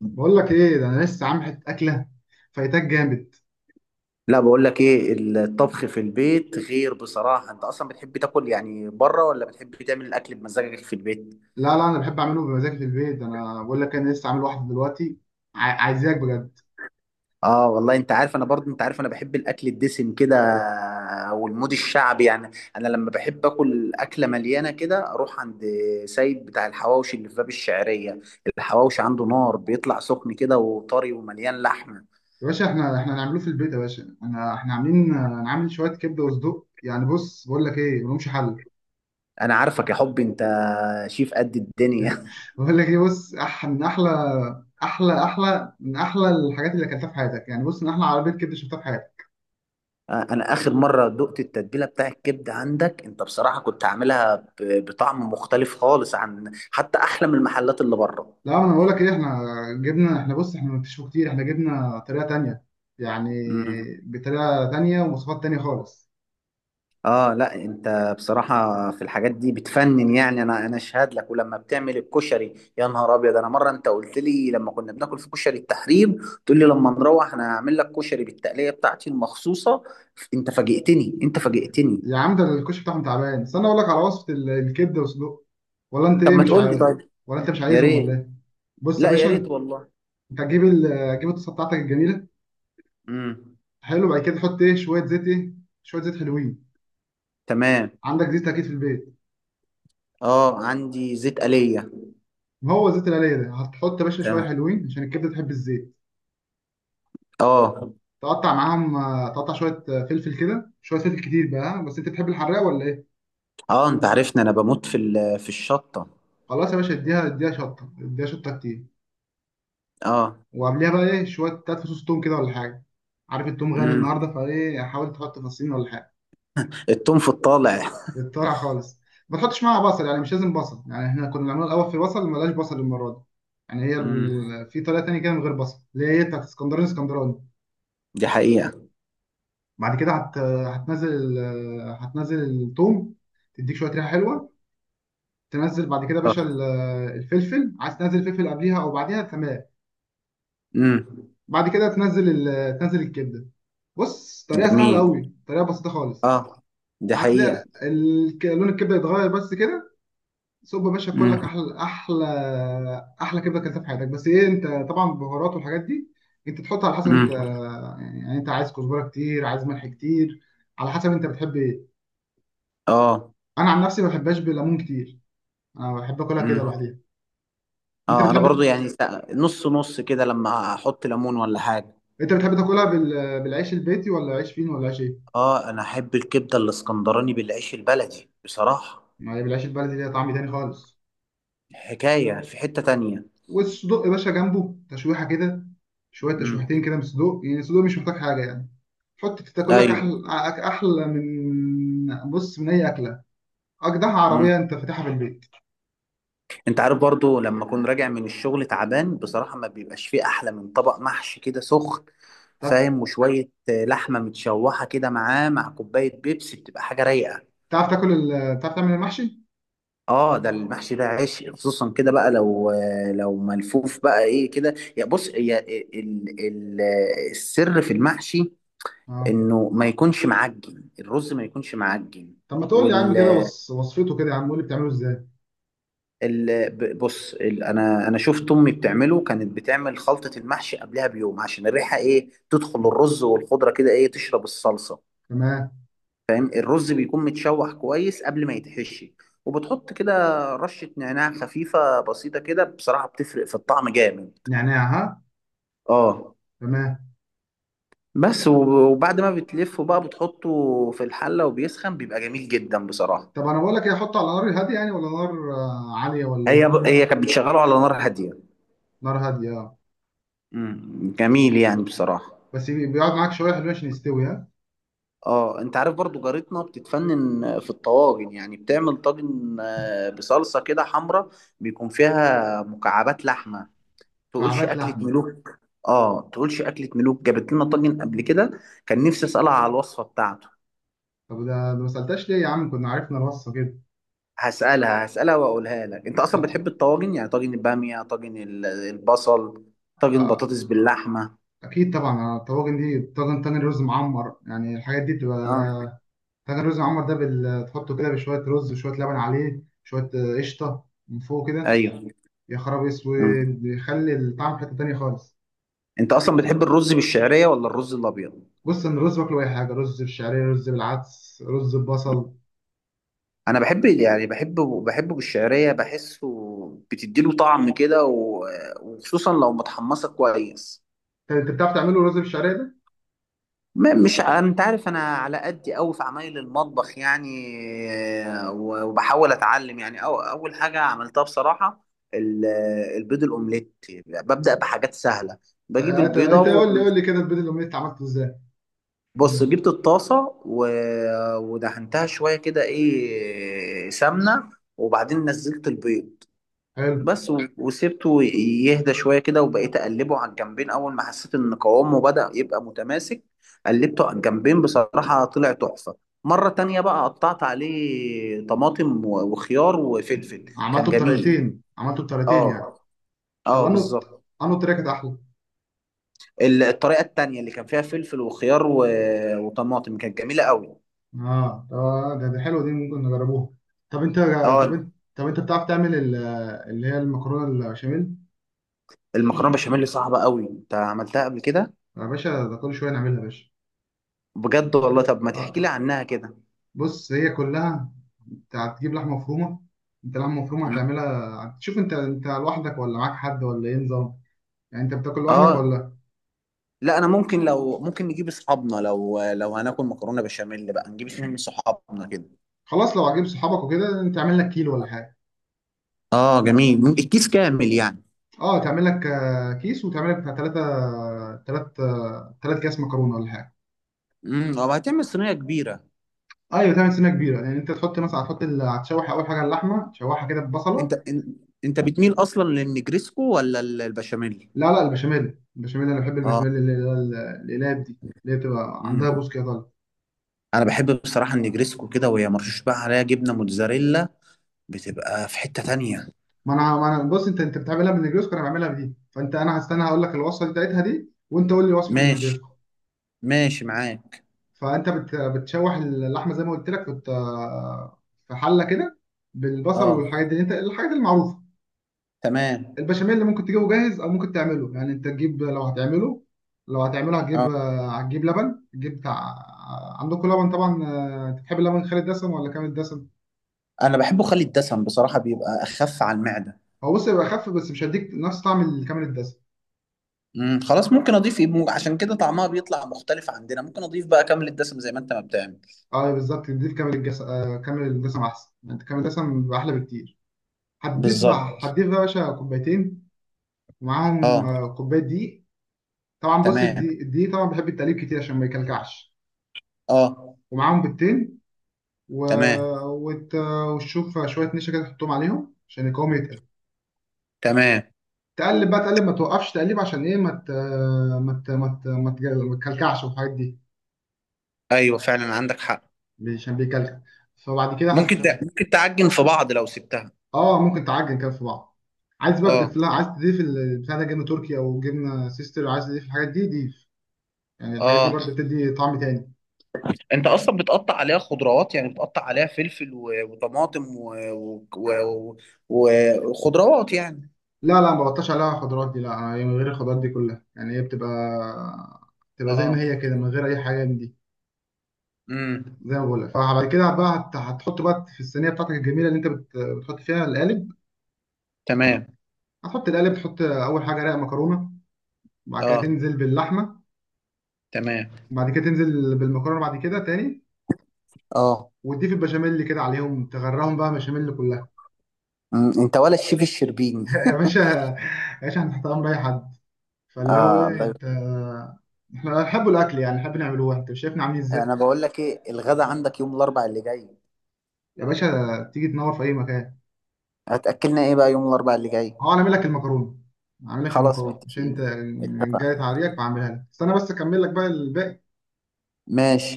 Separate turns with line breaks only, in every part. بقول لك ايه، ده انا لسه عامل حته اكله فايتاك جامد.
لا، بقول لك ايه. الطبخ في البيت غير بصراحة. انت اصلا بتحب تاكل يعني بره ولا بتحب تعمل الاكل بمزاجك في البيت؟
لا، لا، انا بحب اعمله بمزاج في البيت. انا بقول لك انا لسه عامل واحده دلوقتي. عايزاك بجد.
اه والله، انت عارف انا برضه انت عارف انا بحب الاكل الدسم كده والمود الشعبي يعني. انا لما بحب اكل اكلة مليانة كده اروح عند سيد بتاع الحواوشي اللي في باب الشعرية. الحواوشي عنده نار بيطلع سخن كده وطري ومليان لحمة.
يا باشا، احنا هنعمله في البيت يا باشا. انا احنا عاملين، انا عامل شويه كبده وصدوق. يعني بص، بقول لك ايه، ملهمش حل.
انا عارفك يا حب انت، شيف قد الدنيا.
بقول لك ايه، بص، أح من احلى احلى احلى من احلى الحاجات اللي اكلتها في حياتك. يعني بص، من احلى عربيه كبده شفتها في حياتك.
انا اخر مره دقت التتبيله بتاع الكبده عندك، انت بصراحه كنت عاملها بطعم مختلف خالص، عن حتى احلى من المحلات اللي بره.
لا، انا بقول لك ايه، احنا جبنا احنا بص احنا ما كتير احنا جبنا طريقه تانيه، يعني،
امم.
بطريقه تانيه ومواصفات تانيه خالص.
اه لا، انت بصراحه في الحاجات دي بتفنن يعني. انا اشهد لك. ولما بتعمل الكشري يا نهار ابيض، انا مره انت قلت لي لما كنا بناكل في كشري التحرير، تقول لي لما نروح انا هعمل لك كشري بالتقليه بتاعتي المخصوصه. انت فاجئتني انت فاجئتني.
يا عم، ده الكشك بتاعهم تعبان. استنى اقول لك على وصفه الكبده والسجق، ولا انت
طب
ايه،
ما
مش
تقول لي
عارف؟
طيب.
ولا انت مش
يا
عايزهم ولا
ريت.
ايه؟ بص يا
لا يا ريت
باشا،
والله.
انت هتجيب الطاسه بتاعتك الجميله.
امم.
حلو. بعد كده تحط ايه، شويه زيت ايه، شويه زيت حلوين.
تمام.
عندك زيت اكيد في البيت.
اه، عندي زيت آلية.
ما هو زيت القليه ده. هتحط يا باشا شويه
تمام.
حلوين عشان الكبده تحب الزيت.
اه.
تقطع معاهم، تقطع شويه، فلفل كده، شويه فلفل كتير بقى، ها؟ بس انت تحب الحراق ولا ايه؟
اه انت عارفني انا بموت في الشطة.
خلاص يا باشا، اديها، اديها شطه، اديها شطه كتير.
اه.
وقبليها بقى ايه، شويه تلات فصوص توم كده، ولا حاجه. عارف التوم غالي
امم.
النهارده، فايه حاول تحط فصين ولا حاجه.
التوم في الطالع.
تتطرع خالص. ما تحطش معاها بصل، يعني مش لازم بصل. يعني احنا كنا بنعمله الاول في بصل، ملاش بصل المره دي. يعني هي
امم.
في طريقه تانية كده من غير بصل، اللي هي بتاعت اسكندراني اسكندراني.
دي حقيقة.
بعد كده هتنزل ال... هتنزل التوم، تديك شويه ريحه حلوه. تنزل بعد كده يا باشا
اه.
الفلفل، عايز تنزل فلفل قبليها او بعديها، تمام.
امم،
بعد كده تنزل تنزل الكبده. بص، طريقه سهله
جميل.
قوي، طريقه بسيطه خالص.
اه، دي حقيقة.
هتلاقي لون الكبده يتغير بس كده. صب يا باشا، كلك
امم.
احلى، احلى كبده كلتها في حياتك. بس ايه، انت طبعا البهارات والحاجات دي انت تحط على حسب انت،
امم.
يعني انت عايز كزبره كتير، عايز ملح كتير، على حسب انت بتحب ايه.
اه.
انا عن نفسي ما بحبهاش بليمون كتير، انا بحب اكلها كده
امم.
لوحدها. انت
اه انا برضو
بتحب
يعني نص نص كده لما احط ليمون ولا حاجة.
انت بتحب تاكلها بالعيش البيتي، ولا عيش فين، ولا عيش ايه؟
اه انا احب الكبدة الاسكندراني بالعيش البلدي بصراحة.
ما هي بالعيش البلدي ليها طعم تاني خالص.
حكاية في حتة تانية.
والصدوق يا باشا جنبه تشويحه كده، شويه
امم.
تشويحتين كده من الصدوق. يعني الصدوق مش محتاج حاجه يعني. حط تاكل لك
ايوه.
احلى، احلى من اي اكله، اجدع عربيه انت فاتحها في البيت.
انت عارف برضو لما اكون راجع من الشغل تعبان بصراحة ما بيبقاش فيه احلى من طبق محشي كده سخن،
تعرف
فاهم؟ وشوية لحمة متشوحة كده معاه مع كوباية بيبسي بتبقى حاجة رايقة.
تعرف تعمل المحشي؟
اه ده المحشي ده عشق، خصوصا كده بقى لو لو ملفوف بقى ايه كده. يا بص، يا ال السر في المحشي،
اه،
انه ما يكونش معجن، الرز ما يكونش معجن.
طب ما تقول لي يا عم كده وصفته كده يا عم، قول لي بتعمله ازاي.
بص، انا شفت امي بتعمله، كانت بتعمل خلطه المحشي قبلها بيوم عشان الريحه ايه تدخل الرز والخضره كده ايه تشرب الصلصه،
تمام.
فاهم. الرز بيكون متشوح كويس قبل ما يتحشي، وبتحط كده رشه نعناع خفيفه بسيطه كده بصراحه بتفرق في الطعم جامد.
نعناع، ها؟
اه.
تمام.
بس وبعد ما بتلفه بقى بتحطه في الحله وبيسخن بيبقى جميل جدا بصراحه.
طب انا بقول لك ايه، احطه على نار هاديه يعني، ولا نار، عاليه، ولا ايه؟
هي كانت بتشغله على نار هاديه.
نار هاديه، اه.
امم، جميل يعني بصراحه.
بس بيقعد معاك شويه حلوين عشان يستوي، ها.
اه انت عارف برضو جارتنا بتتفنن في الطواجن، يعني بتعمل طاجن بصلصة كده حمرا، بيكون فيها مكعبات لحمة، تقولش
مكعبات
أكلة
لحمه؟
ملوك. اه تقولش أكلة ملوك، جابت لنا طاجن قبل كده، كان نفسي أسألها على الوصفة بتاعته.
طب ده ما سالتش ليه يا عم، كنا عرفنا الوصفه كده.
هسألها هسألها وأقولها لك. انت أصلا
ط-
بتحب الطواجن، يعني طاجن البامية، البصل، طاجن
آه،
بطاطس باللحمة.
اكيد طبعا، الطواجن دي طاجن تاني. رز معمر، يعني الحاجات دي
اه.
بتبقى. طاجن رز معمر ده تحطه كده بشويه رز وشويه لبن، عليه شويه، قشطه من فوق كده.
ايوه.
يا خراب
مم.
اسود، بيخلي الطعم في حته تانيه خالص.
انت أصلا بتحب الرز بالشعرية ولا الرز الأبيض؟
بص، ان الرز باكله اي حاجه، رز بالشعريه، رز بالعدس، رز ببصل.
انا بحب يعني بحبه بالشعريه، بحسه بتديله طعم كده، وخصوصا لو متحمصه كويس.
طب انت بتعرف تعمله رز بالشعريه ده؟
مش انت عارف انا على قدي قوي في عمايل المطبخ يعني، وبحاول اتعلم يعني. أو اول حاجه عملتها بصراحه، ال- البيض الاومليت، ببدا بحاجات سهله.
طب
بجيب
انت
البيضه
انت قول لي، قول لي كده، البيض الاومليت انت عملته ازاي؟
بص، جبت الطاسه ودهنتها شويه كده ايه سمنه، وبعدين نزلت البيض
حلو.
بس، وسبته يهدى شوية كده، وبقيت أقلبه على الجنبين أول ما حسيت إن قوامه بدأ يبقى متماسك. قلبته على الجنبين بصراحة طلع تحفة. مرة تانية بقى قطعت عليه طماطم وخيار وفلفل. كان
عملته
جميل.
بطريقتين، عملته بطريقتين يعني.
اه.
طب
اه
انه
بالظبط.
انه طريقه كانت احلى؟
الطريقة التانية اللي كان فيها فلفل وخيار و... وطماطم كانت جميلة قوي.
اه، طب ده حلو، دي ممكن نجربوها. طب انت طب
اه.
انت طب انت بتعرف تعمل اللي هي المكرونه البشاميل؟
المكرونة بشاميل صعبة قوي، انت عملتها قبل كده؟
يا باشا، ده كل شويه نعملها يا باشا.
بجد والله، طب ما
اه،
تحكي لي عنها كده.
بص، هي كلها انت هتجيب لحمه مفرومه. انت لحمه مفرومه
مم.
هتعملها. شوف انت، انت لوحدك ولا معاك حد، ولا ايه نظام؟ يعني انت بتاكل لوحدك
اه
ولا؟
لا، انا ممكن لو ممكن نجيب اصحابنا. لو لو هناكل مكرونه بشاميل بقى نجيب اتنين من صحابنا كده.
خلاص، لو هتجيب صحابك وكده انت تعمل لك كيلو ولا حاجه.
اه جميل، الكيس كامل يعني.
اه، تعمل لك، كيس، وتعمل لك بتاع 3، 3، 3 كيس مكرونه ولا حاجه.
امم. او هتعمل صينيه كبيره.
ايوه تعمل سنه كبيره، يعني انت تحط مثلا، هتشوح اول حاجه اللحمه، تشوحها كده
انت
ببصله.
إن- انت بتميل اصلا للنجريسكو ولا البشاميل؟
لا، لا، البشاميل، البشاميل انا بحب
اه.
البشاميل، اللي هو القلاب دي، اللي هي بتبقى
امم.
عندها بوس كده طالع.
انا بحب بصراحه النجريسكو كده وهي مرشوش بقى عليها جبنه موتزاريلا، بتبقى في حته تانية.
ما انا بص، انت بتعملها بالنجريسكو، انا بعملها بدي، فانت انا هستنى، هقول لك الوصفه بتاعتها دي، وانت قول لي وصفه
ماشي،
النجريسكو.
ماشي معاك.
فانت بتشوح اللحمه زي ما قلت لك في حله كده، بالبصل
اه.
والحاجات دي، انت الحاجات المعروفه.
تمام.
البشاميل اللي ممكن تجيبه جاهز، او ممكن تعمله، يعني انت تجيب، لو هتعمله، لو هتعمله هتجيب،
اه
هتجيب لبن، تجيب بتاع، عندكم لبن طبعا، انت بتحب اللبن خالي الدسم ولا كامل الدسم؟
انا بحبه خالي الدسم بصراحه، بيبقى اخف على المعده.
هو بص، يبقى خف، بس مش هيديك نفس طعم الكامل الدسم.
مم، خلاص ممكن اضيف ايه عشان كده طعمها بيطلع مختلف عندنا، ممكن اضيف بقى كامل الدسم زي ما انت ما بتعمل.
اه أيوة بالظبط، تضيف كامل الجس... آه، كامل الدسم احسن، انت كامل الدسم بيبقى احلى بكتير. هتضيف بقى
بالظبط.
هتضيف بقى يا باشا كوبايتين، ومعاهم،
اه.
كوبايه دقيق. طبعا بص،
تمام.
الدقيق طبعا بيحب التقليب كتير عشان ما يكلكعش.
اه.
ومعاهم بيضتين، و...
تمام.
وت... وتشوف شويه نشا كده تحطهم عليهم عشان القوام يتقل.
تمام.
تقلب بقى، تقلب، ما توقفش تقليب، عشان ايه، ما ت... ما ت... ما ت... ما تجل- ما تكلكعش والحاجات دي،
ايوه فعلا عندك حق.
عشان بيكلكع. فبعد كده هت
ممكن تعجن في بعض لو سبتها.
اه، ممكن تعجن كده في بعض. عايز بقى
اه.
تضيف لها، عايز تضيف البتاع ده، جبنه تركي او جبنه سيستر، عايز تضيف الحاجات دي ضيف، يعني الحاجات دي
اه
برضه بتدي طعم تاني.
انت اصلا بتقطع عليها خضروات، يعني بتقطع عليها فلفل وطماطم و- وخضروات يعني.
لا لا، ما بغطاش عليها خضروات دي. لا، هي من غير الخضروات دي كلها، يعني هي بتبقى، بتبقى زي
اه.
ما هي كده من غير اي حاجه من دي.
امم.
زي ما بقول لك، فبعد كده بقى هتحط بقى في الصينيه بتاعتك الجميله، اللي انت بتحط فيها القالب.
تمام.
هتحط القالب، تحط اول حاجه رق مكرونه، بعد كده
اه.
تنزل باللحمه،
تمام.
بعد كده تنزل بالمكرونه بعد كده تاني،
اه.
وتضيف البشاميل كده عليهم، تغرقهم بقى بشاميل كلها.
مم، انت ولا الشيف الشربيني
يا باشا، يا باشا هنحط امر اي حد. فاللي هو
اه
ايه
الله.
انت، احنا بنحب الاكل يعني، بنحب نعمله، انت مش شايفنا عاملين ازاي.
انا بقول لك ايه، الغدا عندك يوم الاربع اللي جاي.
يا باشا، تيجي تنور في اي مكان.
هتاكلنا ايه بقى يوم الاربع اللي جاي؟
هو انا اعمل لك المكرونه، اعمل لك
خلاص
المكرونه مش انت.
متفقين،
جاي
اتفقنا.
تعريك، بعملها لك، استنى بس اكمل لك بقى الباقي.
ماشي.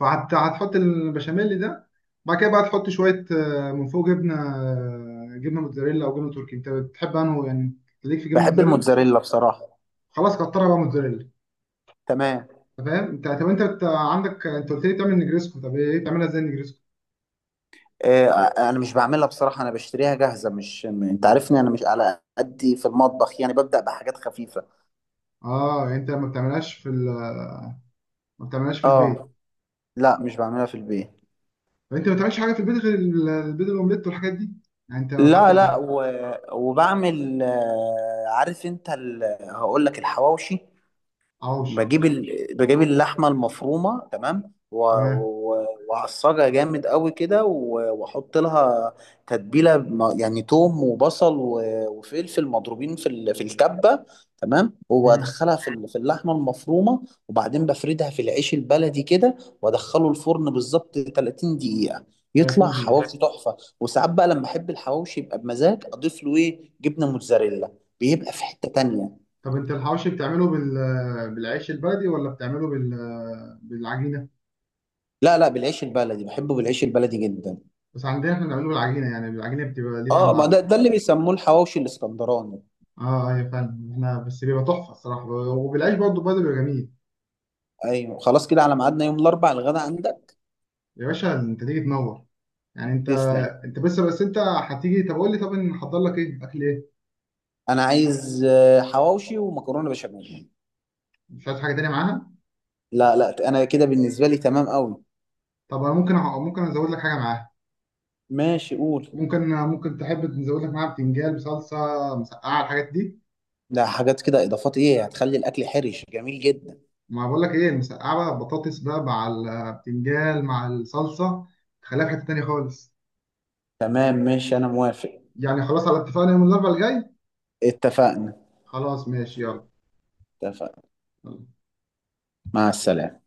فهتحط البشاميل ده، بعد كده بقى تحط شوية، من فوق جبنة، جبنة موتزاريلا أو جبنة تركي، أنت بتحب أنه يعني. ليك في جبنة
بحب
موتزاريلا.
الموتزاريلا بصراحه.
خلاص، كترها بقى موتزاريلا.
تمام.
أنت فاهم أنت، طب أنت عندك، أنت قلت لي تعمل نجريسكو، طب إيه، بتعملها إزاي النجريسكو؟
إيه؟ انا مش بعملها بصراحه، انا بشتريها جاهزه. مش م- انت عارفني انا مش على قدي في المطبخ يعني، ببدا بحاجات خفيفه.
أه يعني أنت ما بتعملهاش ما بتعملهاش في
اه
البيت.
لا، مش بعملها في البيت.
طب أنت ما بتعملش حاجة في البيت غير البيض الأومليت والحاجات دي؟ يعني أنت لو حتى.
لا لا، و... وبعمل عارف انت. ال... هقول لك الحواوشي.
حواوشي.
بجيب ال... بجيب اللحمه المفرومه تمام، و...
تمام.
و... وأعصجها جامد قوي كده واحط لها تتبيله يعني توم وبصل و... وفلفل مضروبين في ال... في الكبه. تمام.
امم.
وادخلها في في اللحمه المفرومه. وبعدين بفردها في العيش البلدي كده وادخله الفرن بالظبط 30 دقيقه، يطلع
30 دقيقة.
حواوشي تحفه. وساعات بقى لما احب الحواوشي يبقى بمزاج اضيف له ايه جبنه موتزاريلا، بيبقى في حته تانية.
طب أنت الحواوشي بتعمله بالعيش البلدي، ولا بتعمله بالعجينة؟
لا لا، بالعيش البلدي، بحبه بالعيش البلدي جدا.
بس عندنا احنا بنعمله بالعجينه، يعني العجينه بتبقى ليه
اه
طعم،
ما
اه.
ده اللي بيسموه الحواوشي الاسكندراني.
اه يا فندم، احنا بس بيبقى تحفه الصراحه، وبالعيش برضه، برضه بيبقى جميل.
ايوه، خلاص كده على ميعادنا يوم الاربعاء، الغدا عندك.
يا باشا انت تيجي تنور، يعني انت،
تسلم.
انت بس، بس انت هتيجي، طب قول لي، طب نحضر لك ايه، اكل ايه؟
انا عايز حواوشي ومكرونه بشاميل.
مش عايز حاجه تانيه معاها؟
لا لا، انا كده بالنسبه لي تمام قوي.
طب انا ممكن ممكن ازود لك حاجه معاها.
ماشي، قول.
ممكن تحب نزود لك معاها بتنجان بصلصه، مسقعه، الحاجات دي.
ده حاجات كده اضافات ايه، هتخلي الاكل حرش جميل جدا.
ما بقول لك ايه، المسقعه بقى، بطاطس بقى مع البتنجان مع الصلصه، خليها في حته تانيه خالص.
تمام ماشي، انا موافق.
يعني خلاص على اتفاقنا يوم الاربعاء الجاي.
اتفقنا.
خلاص ماشي، يلا.
اتفقنا. مع السلامه.